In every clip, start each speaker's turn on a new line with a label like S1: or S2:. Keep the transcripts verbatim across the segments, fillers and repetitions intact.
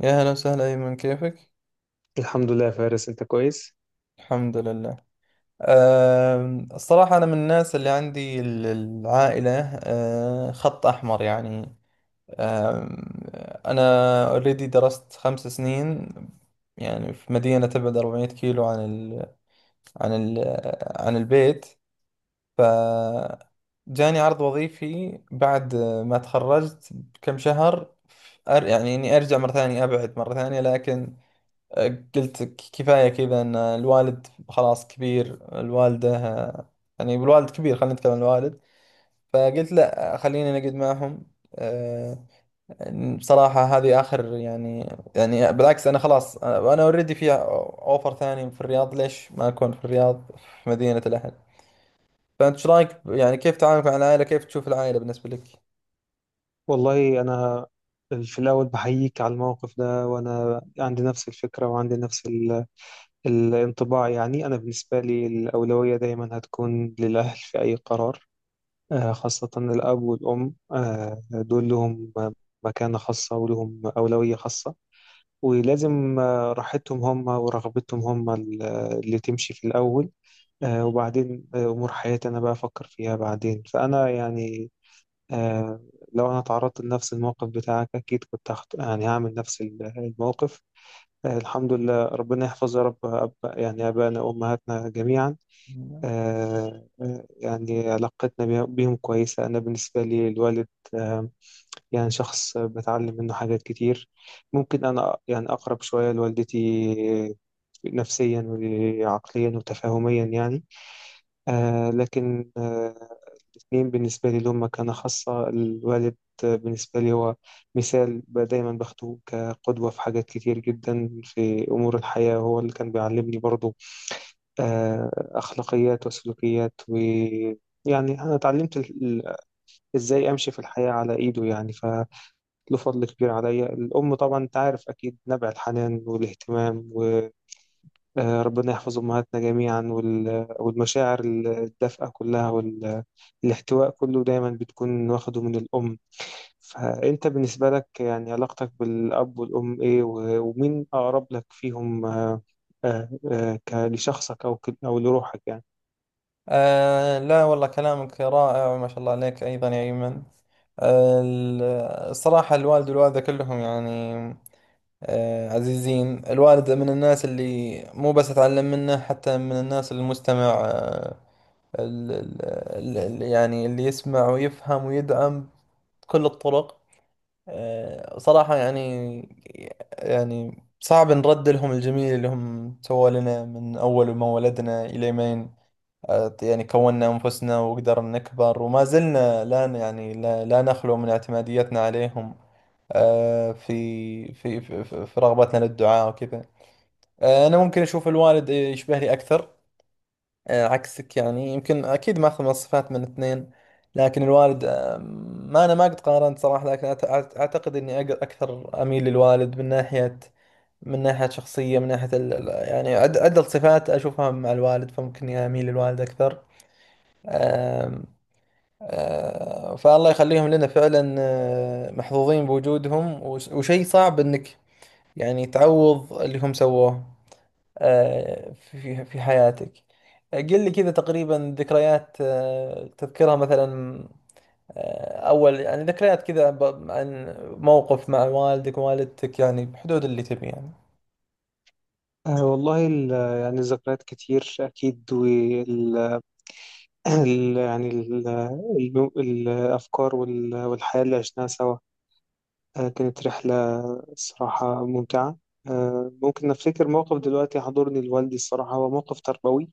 S1: يا هلا وسهلا أيمن، كيفك؟
S2: الحمد لله يا فارس، انت كويس.
S1: الحمد لله. أم، الصراحة أنا من الناس اللي عندي ال- العائلة أه، خط أحمر، يعني. أم، أنا اوريدي درست خمس سنين، يعني في مدينة تبعد 400 كيلو عن ال عن ال عن البيت. ف جاني عرض وظيفي بعد ما تخرجت بكم شهر. ف- أر- يعني إني أرجع مرة ثانية، أبعد مرة ثانية، لكن قلت ك- كفاية كذا، ان الوالد خلاص كبير، الوالدة، يعني الوالد كبير، خلينا نتكلم عن الوالد. فقلت لا، خليني نقعد معهم. آه، بصراحة هذه آخر، يعني. يعني بالعكس، أنا خلاص، أنا اوريدي في أوفر ثاني في الرياض. ليش ما أكون في الرياض، في مدينة الأهل؟ فأنت إيش رأيك؟ يعني كيف تعاملك مع العائلة؟ كيف تشوف العائلة بالنسبة
S2: والله انا في الاول بحييك على الموقف ده، وانا عندي نفس الفكره وعندي نفس ال... الانطباع. يعني انا بالنسبه لي الاولويه دايما هتكون للاهل في اي قرار، آه، خاصه الاب والام. آه، دول لهم مكانه خاصه ولهم اولويه خاصه، ولازم آه، راحتهم هم ورغبتهم هم ال- اللي تمشي في الاول. آه، وبعدين آه، امور حياتي انا بقى افكر فيها بعدين. فانا يعني آه لو أنا تعرضت لنفس الموقف بتاعك أكيد كنت هخت... يعني هعمل نفس ال- الموقف. آه، الحمد لله، ربنا يحفظ يا رب أب... يعني آبائنا وأمهاتنا جميعا.
S1: لك؟
S2: آه آه، يعني علاقتنا بيه- بيهم كويسة. أنا بالنسبة لي الوالد آه يعني شخص بتعلم منه حاجات كتير. ممكن أنا يعني أقرب شوية لوالدتي نفسيا وعقليا وتفاهميا يعني، آه لكن آه الاثنين بالنسبة لي لهم مكانة خاصة. الوالد بالنسبة لي هو مثال، ب- دايما باخده كقدوة في حاجات كتير جدا في أمور الحياة. هو اللي كان بيعلمني برضو آه، أخلاقيات وسلوكيات و يعني أنا اتعلمت ال- ال- إزاي أمشي في الحياة على إيده يعني. فله فضل كبير عليا. الأم طبعا أنت عارف أكيد نبع الحنان والاهتمام، آه، ربنا يحفظ أمهاتنا جميعا. وال- والمشاعر الدافئة كلها والاحتواء كله دايما بتكون واخده من الأم. فأنت بالنسبة لك يعني علاقتك بالأب والأم إيه؟ و- ومين أقرب لك فيهم آه، آه، آه، ك- لشخصك أو ك- أو لروحك يعني؟
S1: آه لا والله، كلامك رائع، ما شاء الله عليك أيضا يا أيمن. آه ال- الصراحة الوالد والوالدة كلهم، يعني آه عزيزين. الوالد من الناس اللي مو بس أتعلم منه، حتى من الناس المستمع. آه ال ال ال ال- يعني اللي يسمع ويفهم ويدعم بكل الطرق. آه صراحة، يعني يعني صعب نرد لهم الجميل اللي هم سووا لنا من أول ما ولدنا إلى ما، آه، يعني كوننا أنفسنا وقدرنا نكبر، وما زلنا لا ن- يعني لا, لا نخلو من اعتماديتنا عليهم. آه، في في في, في في رغبتنا للدعاء وكذا. آه، أنا ممكن أشوف الوالد يشبهني أكثر، آه، عكسك. يعني يمكن، أكيد ما أخذ مواصفات من اثنين، لكن الوالد آه، ما، أنا ما قد قارنت صراحة، لكن أت- أت- أعتقد إني أق- أكثر أميل للوالد، من ناحية، من ناحية شخصية، من ناحية ال- ال- يعني عد- عدة صفات أشوفها مع الوالد. فممكن إني أميل للوالد أكثر. آه، فالله يخليهم لنا فعلا، آه، محظوظين بوجودهم. وش- وشيء صعب انك يعني تعوض اللي هم سووه آه، في في حياتك. آه، قل لي كذا تقريبا ذكريات، آه، تذكرها مثلا، آه، اول، يعني ذكريات كذا ب- عن موقف مع والدك، والدتك، يعني بحدود اللي تبي، يعني.
S2: آه، والله ال- يعني الذكريات كتير أكيد، وال ال- يعني ال- ال- الأفكار وال- والحياة اللي عشناها سوا آه، كانت رحلة الصراحة ممتعة. آه، ممكن أفتكر موقف دلوقتي حضرني لوالدي. الصراحة هو موقف تربوي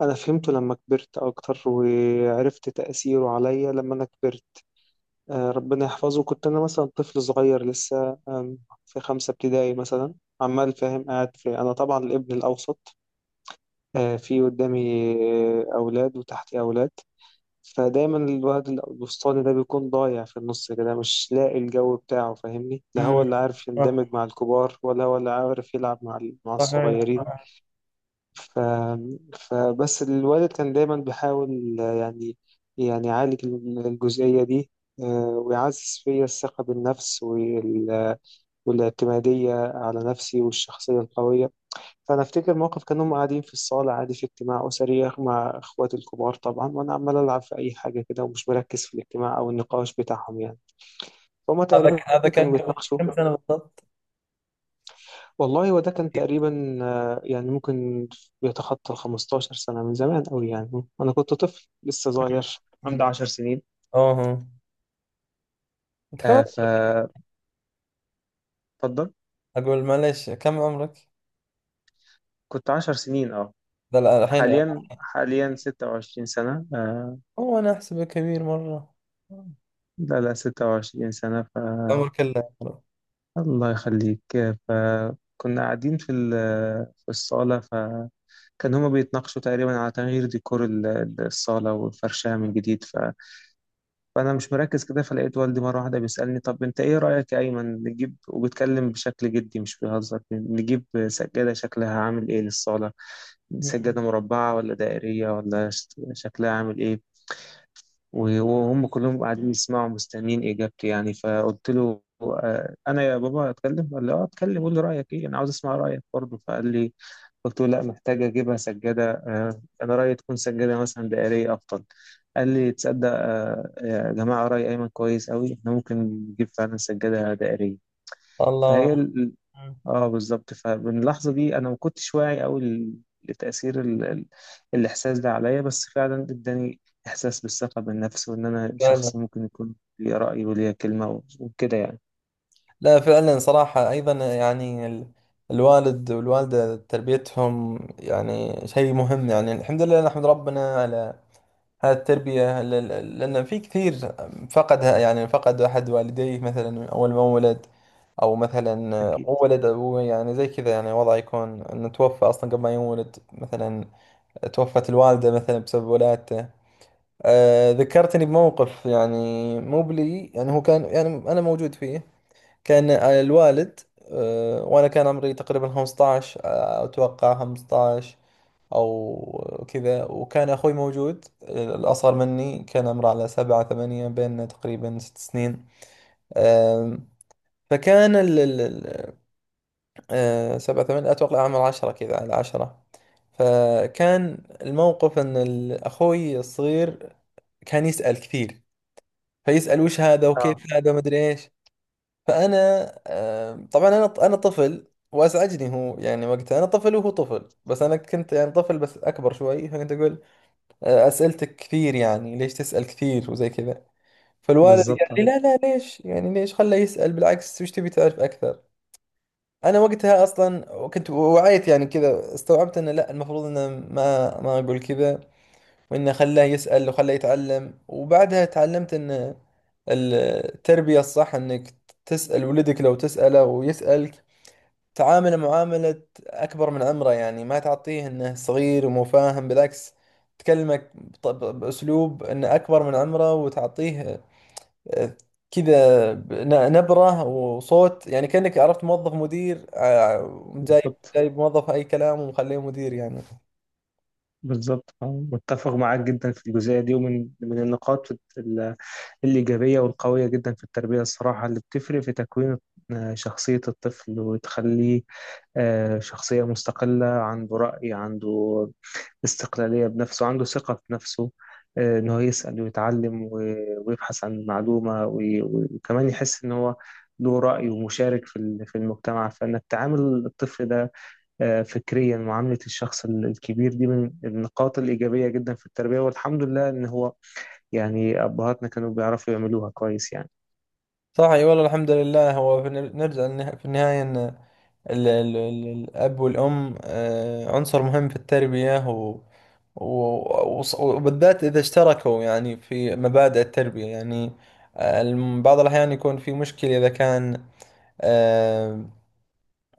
S2: أنا فهمته لما كبرت أكتر، وعرفت تأثيره عليا لما أنا كبرت. آه، ربنا يحفظه. كنت أنا مثلا طفل صغير لسه، آم، في خمسة ابتدائي مثلا، عمال فاهم قاعد في. أنا طبعا الابن الأوسط، آه، في قدامي آه، أولاد وتحتي أولاد. فدايما الواد الوسطاني ده بيكون ضايع في النص كده، مش لاقي الجو بتاعه، فاهمني؟ لا هو
S1: مم.
S2: اللي عارف يندمج
S1: صح-
S2: مع الكبار، ولا هو اللي عارف يلعب مع ال- مع
S1: صحيح.
S2: الصغيرين. ف... فبس الوالد كان دايما بيحاول آه، يعني يعني يعالج الجزئية دي، آه، ويعزز فيا الثقة بالنفس وال... والاعتمادية على نفسي والشخصية القوية. فانا افتكر موقف كانوا هم قاعدين في الصاله عادي في اجتماع اسري مع اخواتي الكبار طبعا، وانا عمال العب في اي حاجه كده ومش مركز في الاجتماع او النقاش بتاعهم يعني. فهم
S1: هذا
S2: تقريبا
S1: ك- هذا
S2: كانوا
S1: كان قبل
S2: بيتناقشوا.
S1: كم سنة بالضبط؟
S2: والله وده كان تقريبا، آه، يعني ممكن بيتخطى ال خمستاشر سنه من زمان قوي يعني. انا كنت طفل لسه صغير، عندي
S1: مم.
S2: عشر سنين.
S1: اه ها. انت كم
S2: آه
S1: عمرك؟
S2: ف اتفضل.
S1: اقول، معلش، كم عمرك؟
S2: كنت عشر سنين اه.
S1: لا لا، الحين.
S2: حاليا حاليا ستة وعشرين سنه آه.
S1: اوه، انا احسبه كبير مرة.
S2: لا لا ستة وعشرين سنه.
S1: عمر كله عمره.
S2: الله يخليك. فكنا قاعدين في ال- في الصالة، فكان هما بيتناقشوا تقريبا على تغيير ديكور ال- الصالة والفرشها من جديد. ف... فأنا مش مركز كده، فلقيت والدي مرة واحدة بيسألني: طب أنت إيه رأيك يا أيمن، نجيب؟ وبيتكلم بشكل جدي مش بيهزر. نجيب سجادة شكلها عامل إيه للصالة؟
S1: مم.
S2: سجادة مربعة ولا دائرية ولا ش- شكلها عامل إيه؟ وهم كلهم قاعدين يسمعوا مستنيين إجابتي يعني. فقلت له: آه، أنا يا بابا أتكلم؟ قال لي: أه أتكلم، قول لي رأيك إيه، أنا عاوز أسمع رأيك برضه. فقال لي، قلت له: لا، محتاج أجيبها سجادة، آه، أنا رأيي تكون سجادة مثلا دائرية أفضل. قال لي: تصدق آه، يا جماعة رأي أيمن كويس أوي، إحنا ممكن نجيب فعلا سجادة دائرية.
S1: الله.
S2: فهي
S1: مم.
S2: اه بالظبط. فمن اللحظة دي انا ما كنتش واعي قوي ل- لتأثير ال... ال... الاحساس ده عليا، بس فعلا اداني احساس بالثقة بالنفس، وان انا
S1: فعلا.
S2: شخص ممكن يكون ليه رأي وليه كلمة و- وكده يعني.
S1: لا فعلا، صراحة ايضا، يعني ال- الوالد والوالدة تربيتهم يعني شيء مهم، يعني الحمد لله نحمد ربنا على التربية، ل- ل- لأن في كثير فقدها، يعني فقد أحد والديه مثلا أول ما ولد، أو مثلا
S2: اكيد.
S1: هو ولد أبوه، يعني زي كذا، يعني وضع يكون إنه توفى أصلا قبل ما يولد، مثلا توفت الوالدة مثلا بسبب ولادته. آه ذكرتني بموقف، يعني مو بلي، يعني هو كان، يعني أنا موجود فيه. كان الوالد، آه وأنا كان عمري تقريبا خمستاشر، آه، أتوقع خمستاشر أو كذا، وكان أخوي موجود الأصغر مني، كان عمره على سبعة ثمانية، بيننا تقريبا ست سنين. أم، فكان ال ال- ال- أه، سبعة ثمانية، أتوقع عمره عشرة، كذا على عشرة. فكان الموقف أن ال- أخوي الصغير كان يسأل كثير، فيسأل وش هذا، وكيف
S2: اه
S1: هذا، ومدري إيش. فأنا، أم، طبعا أنا أنا طفل، وأزعجني، هو يعني وقتها أنا طفل وهو طفل، بس أنا كنت يعني طفل بس أكبر شوي. فكنت أقول آه، أسئلتك كثير، يعني ليش تسأل كثير وزي كذا. فالوالد قال
S2: بالظبط.
S1: لي
S2: آه،
S1: لا لا، ليش، يعني ليش، خله يسأل بالعكس، وش تبي تعرف أكثر. أنا وقتها أصلا كنت وعيت يعني كذا، استوعبت أنه لا، المفروض أنه ما ما أقول كذا، وأنه خلاه يسأل وخلاه يتعلم. وبعدها تعلمت أن التربية الصح أنك تسأل ولدك، لو تسأله ويسألك، تعامله معاملة أكبر من عمره، يعني ما تعطيه إنه صغير ومو فاهم. بالعكس، تكلمك بط- ب- بأسلوب إنه أكبر من عمره، وتعطيه آه، كذا ن- نبرة وصوت، يعني كأنك عرفت موظف مدير، آه، جايب
S2: بالظبط
S1: جايب موظف أي كلام ومخليه مدير، يعني.
S2: بالظبط. آه، متفق معاك جدا في الجزئية دي. ومن من النقاط ال- الإيجابية والقوية جدا في التربية الصراحة، اللي بتفرق في تكوين آه، شخصية الطفل وتخليه آه، شخصية مستقلة، عنده رأي، عنده استقلالية بنفسه، عنده ثقة في نفسه، آه، إن هو يسأل ويتعلم و- ويبحث عن معلومة، وي- وكمان يحس إن هو له رأي ومشارك في ال- في المجتمع. فإنك تعامل الطفل ده آه، فكريا معاملة الشخص ال- الكبير دي من النقاط الإيجابية جدا في التربية. والحمد لله إن هو يعني أبهاتنا كانوا بيعرفوا يعملوها كويس يعني.
S1: صح، أي والله. الحمد لله، هو في الن- نرجع للنها- في النهاية، إنه ال- ال- ال- الأب والأم آه، عنصر مهم في التربية، و... و- وص- وبالذات إذا اشتركوا يعني في مبادئ التربية، يعني آه، الم- بعض الأحيان يكون في مشكلة إذا كان آه،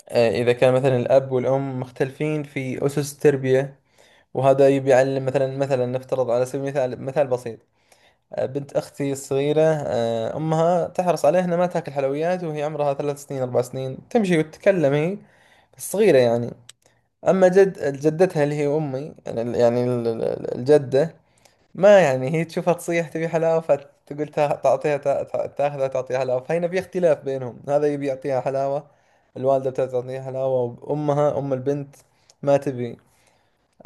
S1: آه، إذا كان مثلا الأب والأم مختلفين في أسس التربية، وهذا يبي يعلم مثلا مثلا نفترض على سبيل المثال، مثال بسيط: آه، بنت أختي الصغيرة، آه، أمها تحرص عليها إنها ما تاكل حلويات، وهي عمرها ثلاث سنين، أربع سنين، تمشي وتتكلم، هي بس صغيرة يعني. اما جد جدتها اللي هي امي، يعني يعني ال- ال- الجده، ما يعني هي تشوفها تصيح تبي حلاوه، فتقول، تا- تعطيها، تا- تا- تاخذها، تعطيها حلاوه. فهنا في اختلاف بينهم، هذا يبي يعطيها حلاوه، الوالده بتبي تعطيها حلاوه، وامها ام البنت ما تبي.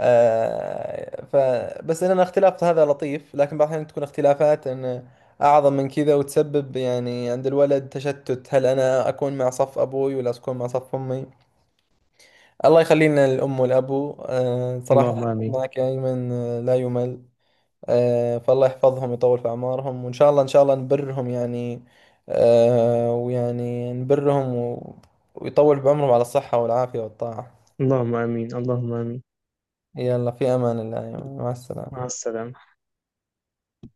S1: آه ف بس ان الاختلاف هذا لطيف، لكن بعض الاحيان تكون اختلافات ان اعظم من كذا، وتسبب يعني عند الولد تشتت، هل انا اكون مع صف ابوي ولا اكون مع صف امي؟ الله يخلينا الأم والأبو. آه،
S2: اللهم
S1: صراحة
S2: آمين،
S1: معك يا أيمن، آه، لا يمل. آه، فالله يحفظهم، يطول في أعمارهم، وإن شاء الله إن شاء الله نبرهم، يعني آه، ويعني نبرهم و- ويطول بعمرهم على الصحة والعافية والطاعة.
S2: اللهم آمين، اللهم آمين.
S1: يلا في أمان الله يا أيمن، مع السلامة.
S2: مع السلامة.